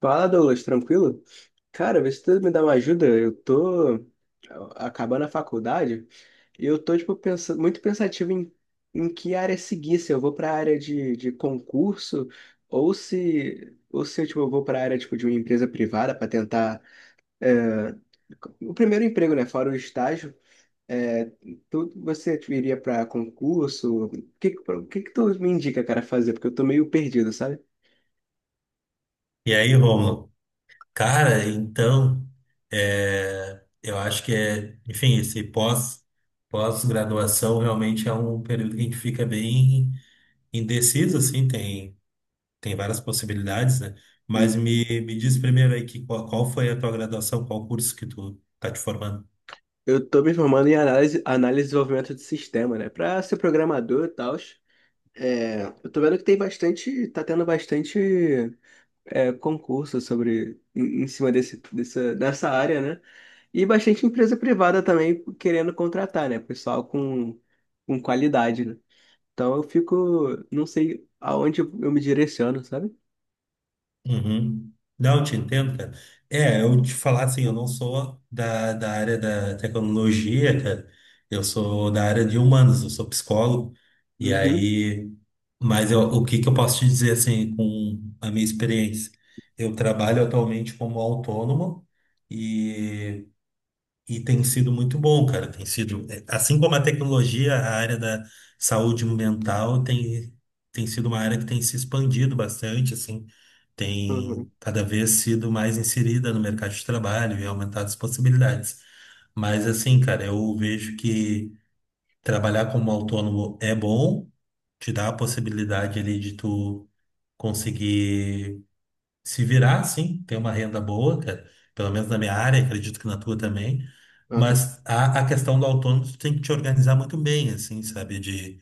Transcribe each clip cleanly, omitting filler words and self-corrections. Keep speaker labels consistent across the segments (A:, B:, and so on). A: Fala, Douglas, tranquilo? Cara, vê se tu me dá uma ajuda. Eu tô acabando a faculdade e eu tô, tipo, pensando, muito pensativo em que área seguir, se eu vou pra área de concurso ou se, tipo, eu vou pra área, tipo, de uma empresa privada pra tentar o primeiro emprego, né? Fora o estágio. É, você tipo, iria pra concurso? O que que tu me indica, cara, fazer? Porque eu tô meio perdido, sabe?
B: E aí, Rômulo? Cara, então, eu acho que esse pós-graduação realmente é um período que a gente fica bem indeciso, assim, tem várias possibilidades, né? Mas
A: Hum.
B: me diz primeiro aí qual foi a tua graduação, qual curso que tu tá te formando?
A: Eu tô me formando em análise, análise e desenvolvimento de sistema, né? Pra ser programador e tal. Eu tô vendo que tem bastante, tá tendo bastante concurso sobre em cima desse, dessa área, né? E bastante empresa privada também querendo contratar, né? Pessoal com qualidade, né? Então eu fico, não sei aonde eu me direciono, sabe?
B: Uhum. Não, eu te entendo, cara. É, eu te falar assim, eu não sou da área da tecnologia, cara. Eu sou da área de humanos, eu sou psicólogo. E
A: Uhum,
B: aí, o que que eu posso te dizer assim, com a minha experiência? Eu trabalho atualmente como autônomo e tem sido muito bom, cara. Tem sido, é, assim como a tecnologia, a área da saúde mental tem sido uma área que tem se expandido bastante, assim,
A: uhum,
B: tem cada vez sido mais inserida no mercado de trabalho e aumentado as possibilidades. Mas, assim, cara, eu vejo que trabalhar como autônomo é bom, te dá a possibilidade ali de tu conseguir se virar, sim, ter uma renda boa, cara. Pelo menos na minha área, acredito que na tua também.
A: uhum.
B: Mas a questão do autônomo, tu tem que te organizar muito bem, assim, sabe? De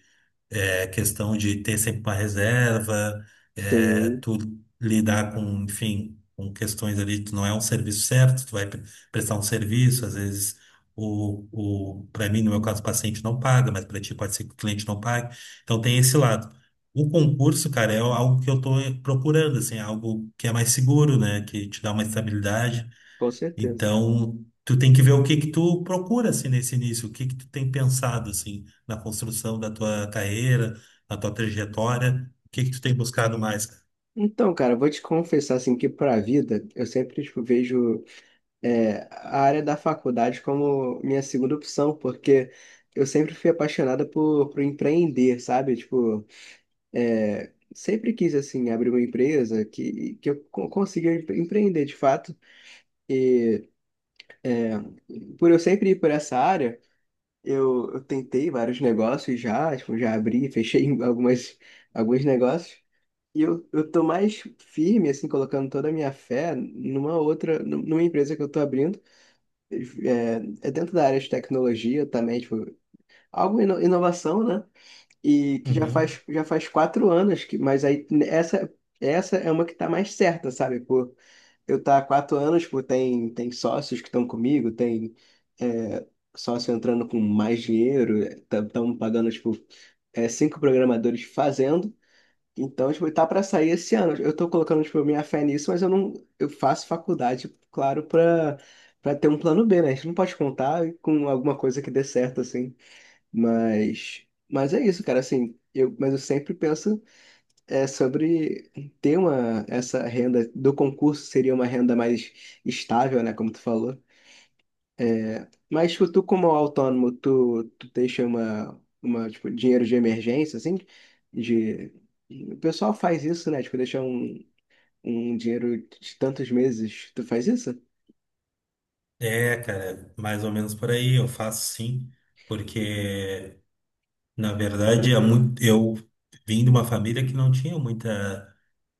B: questão de ter sempre uma reserva,
A: Sim,
B: tu lidar com, enfim, com questões ali, tu não é um serviço certo, prestar um serviço, às vezes para mim, no meu caso, o paciente não paga, mas para ti pode ser que o cliente não pague. Então tem esse lado. O concurso, cara, é algo que eu tô procurando, assim, algo que é mais seguro, né? Que te dá uma estabilidade.
A: com certeza.
B: Então, tu tem que ver o que que tu procura assim nesse início, o que que tu tem pensado assim na construção da tua carreira, na tua trajetória, o que que tu tem buscado mais, cara?
A: Então, cara, eu vou te confessar assim que para a vida eu sempre tipo, vejo a área da faculdade como minha segunda opção, porque eu sempre fui apaixonada por empreender, sabe? Tipo, sempre quis assim abrir uma empresa que eu consiga empreender de fato. E é, por eu sempre ir por essa área, eu tentei vários negócios já, tipo, já abri, fechei algumas, alguns negócios. Eu tô mais firme, assim, colocando toda a minha fé numa outra, numa empresa que eu tô abrindo. É, é dentro da área de tecnologia também, tipo, algo inovação, né? E que
B: Uhum.
A: já faz 4 anos, que, mas aí essa é uma que tá mais certa, sabe? Por eu estar tá há 4 anos, por tem, tem sócios que estão comigo, tem é, sócio entrando com mais dinheiro, estão pagando, tipo, 5 programadores fazendo. Então, tipo, tá para sair esse ano. Eu tô colocando, tipo, minha fé nisso, mas eu não, eu faço faculdade, claro, para ter um plano B, né? A gente não pode contar com alguma coisa que dê certo assim. Mas, mas é isso, cara. Assim, eu, mas eu sempre penso sobre ter uma, essa renda do concurso seria uma renda mais estável, né? Como tu falou. É, mas tipo, como autônomo, tu deixa uma, tipo, dinheiro de emergência, assim, de... O pessoal faz isso, né? Tipo, deixa um, um dinheiro de tantos meses. Tu faz isso?
B: É, cara, mais ou menos por aí, eu faço sim, porque na verdade é muito, eu vim de uma família que não tinha muita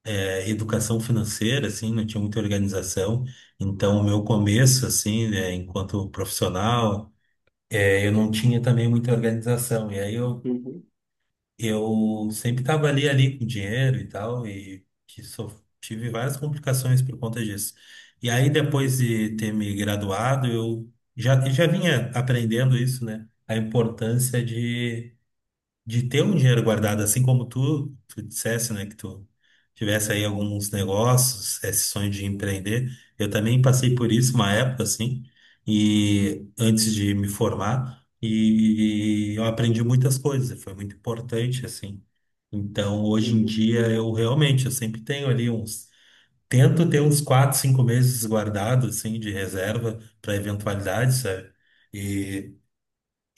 B: educação financeira, assim, não tinha muita organização, então o meu começo, assim, né, enquanto profissional, é, eu não tinha também muita organização, e aí
A: Uhum,
B: eu sempre estava ali com dinheiro e tal, tive várias complicações por conta disso. E aí, depois de ter me graduado, já vinha aprendendo isso, né? A importância de ter um dinheiro guardado, assim como tu dissesse, né, que tu tivesse aí alguns negócios, esse sonho de empreender. Eu também passei por isso uma época, assim, e antes de me formar, e eu aprendi muitas coisas, foi muito importante, assim. Então, hoje em
A: uhum.
B: dia, eu realmente, eu sempre tenho ali uns, tento ter uns 4, 5 meses guardados, assim, de reserva para eventualidades, sabe?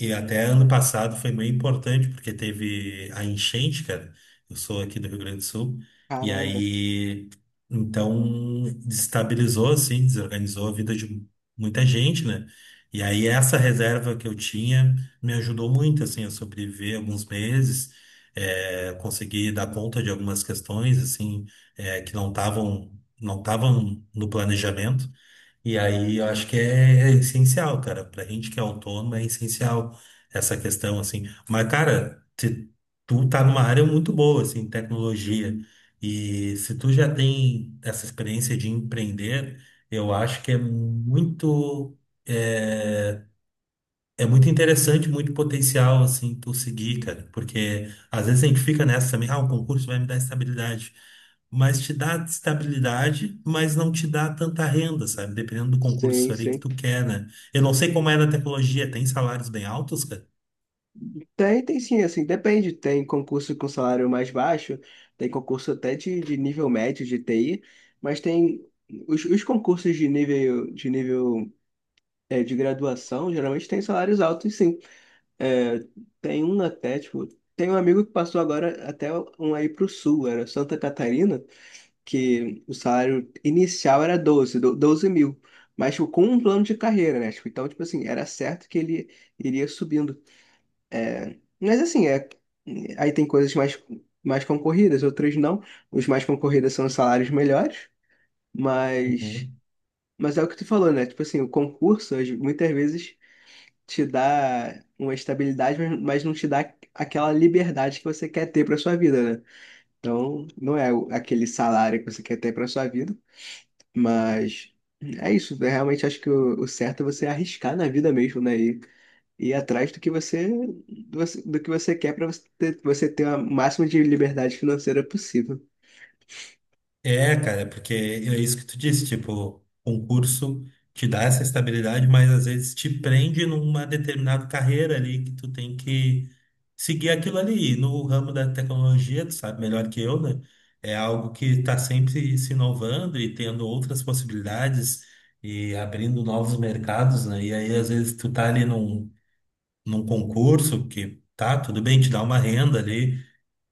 B: E até ano passado foi meio importante, porque teve a enchente, cara. Eu sou aqui do Rio Grande do Sul. E
A: Caramba.
B: aí, então, destabilizou, assim, desorganizou a vida de muita gente, né? E aí, essa reserva que eu tinha me ajudou muito, assim, a sobreviver alguns meses, conseguir dar conta de algumas questões, assim, que não estavam no planejamento. E aí eu acho que é essencial, cara. Pra gente que é autônomo, é essencial essa questão, assim. Mas, cara, se tu tá numa área muito boa, assim, tecnologia. E se tu já tem essa experiência de empreender, eu acho que é muito. Eh, é muito interessante, muito potencial, assim, tu seguir, cara, porque às vezes a gente fica nessa também, ah, o concurso vai me dar estabilidade, mas te dá estabilidade, mas não te dá tanta renda, sabe? Dependendo do concurso
A: Sim,
B: ali que
A: sim.
B: tu quer, né? Eu não sei como é na tecnologia, tem salários bem altos, cara?
A: Tem, tem sim, assim, depende. Tem concurso com salário mais baixo, tem concurso até de nível médio de TI, mas tem os concursos de nível de graduação geralmente tem salários altos, sim. É, tem um até, tipo, tem um amigo que passou agora até um aí pro sul, era Santa Catarina, que o salário inicial era 12 mil. Mas, tipo, com um plano de carreira, né? Tipo, então, tipo assim, era certo que ele iria subindo. É, mas assim, é, aí tem coisas mais, mais concorridas, outras não. Os mais concorridos são os salários melhores, mas,
B: Uhum.
A: mas é o que tu falou, né? Tipo assim, o concurso muitas vezes te dá uma estabilidade, mas não te dá aquela liberdade que você quer ter para sua vida, né? Então, não é aquele salário que você quer ter para sua vida, mas é isso. Eu realmente acho que o certo é você arriscar na vida mesmo, né? E ir atrás do que você do que você quer para você ter a máxima de liberdade financeira possível.
B: É, cara, porque é isso que tu disse, tipo, concurso te dá essa estabilidade, mas às vezes te prende numa determinada carreira ali que tu tem que seguir aquilo ali. E no ramo da tecnologia, tu sabe melhor que eu, né? É algo que tá sempre se inovando e tendo outras possibilidades e abrindo novos mercados, né? E aí às vezes tu tá ali num concurso que tá, tudo bem, te dá uma renda ali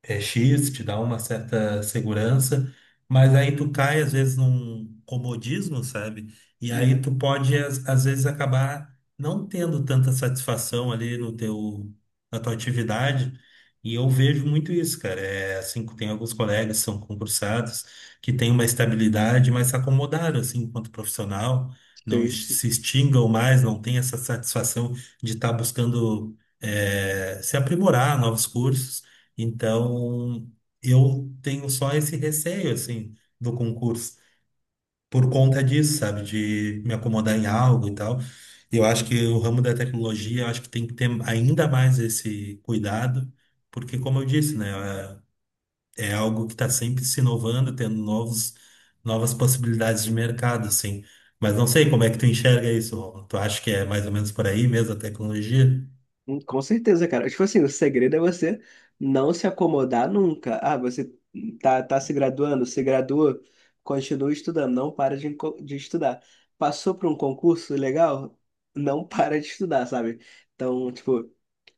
B: é X, te dá uma certa segurança, mas aí tu cai às vezes num comodismo, sabe? E aí
A: Hum.
B: tu pode às vezes acabar não tendo tanta satisfação ali no teu na tua atividade. E eu vejo muito isso, cara. É assim, tem alguns colegas que são concursados que têm uma estabilidade, mas se acomodaram assim enquanto profissional,
A: Sim, sim.
B: se extingam mais, não tem essa satisfação de estar buscando se aprimorar novos cursos. Então, eu tenho só esse receio, assim, do concurso, por conta disso, sabe, de me acomodar em algo e tal. Eu acho que o ramo da tecnologia, eu acho que tem que ter ainda mais esse cuidado, porque, como eu disse, né, é é algo que está sempre se inovando, tendo novas possibilidades de mercado, assim. Mas não sei como é que tu enxerga isso, Romulo. Tu acha que é mais ou menos por aí mesmo a tecnologia?
A: Com certeza, cara. Tipo assim, o segredo é você não se acomodar nunca. Ah, você tá, tá se graduando, se graduou, continua estudando, não para de estudar. Passou por um concurso legal, não para de estudar, sabe? Então, tipo,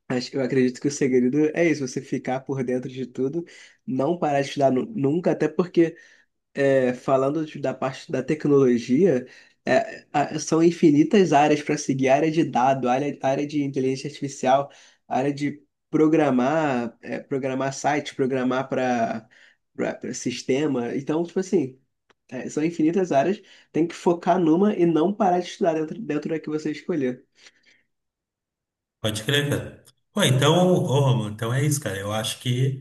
A: acho, eu acredito que o segredo é isso, você ficar por dentro de tudo, não parar de estudar nunca, até porque falando da parte da tecnologia, são infinitas áreas para seguir, área de dado, área de inteligência artificial, área de programar, programar site, programar para sistema. Então, tipo assim, são infinitas áreas, tem que focar numa e não parar de estudar dentro, dentro da que você escolher.
B: Pode crer, cara. Pô, então, ô, Romulo, então é isso, cara. Eu acho que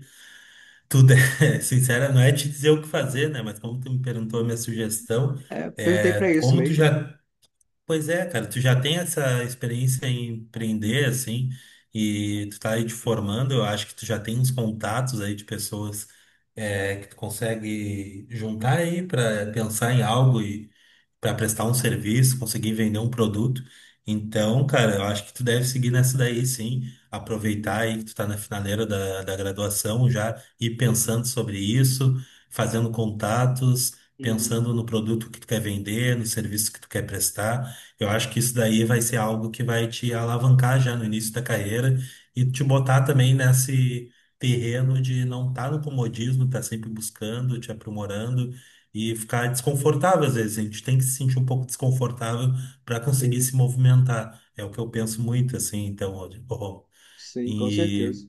B: Tudo é, sincera, não é te dizer o que fazer, né? Mas como tu me perguntou a minha sugestão,
A: É, perguntei para
B: é,
A: isso
B: como tu
A: mesmo.
B: já, pois é, cara, tu já tem essa experiência em empreender, assim, e tu tá aí te formando, eu acho que tu já tem uns contatos aí de pessoas que tu consegue juntar aí para pensar em algo para prestar um serviço, conseguir vender um produto. Então, cara, eu acho que tu deve seguir nessa daí, sim. Aproveitar aí que tu tá na finaleira da graduação já, ir pensando sobre isso, fazendo contatos,
A: Uhum.
B: pensando no produto que tu quer vender, no serviço que tu quer prestar. Eu acho que isso daí vai ser algo que vai te alavancar já no início da carreira e te botar também nesse terreno de não estar no comodismo, estar sempre buscando, te aprimorando e ficar desconfortável às vezes. A gente tem que se sentir um pouco desconfortável para conseguir
A: Sim,
B: se movimentar. É o que eu penso muito, assim, então, ó, ó.
A: sim, com certeza.
B: E,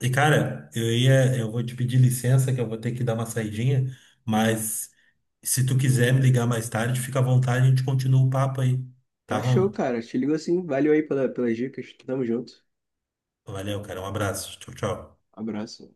B: e cara, eu vou te pedir licença que eu vou ter que dar uma saidinha, mas se tu quiser me ligar mais tarde, fica à vontade, a gente continua o papo aí, tá,
A: Tá show,
B: Ron?
A: cara. Te ligo assim. Valeu aí pela, pelas dicas. Tamo junto.
B: Valeu, cara, um abraço. Tchau, tchau.
A: Abraço.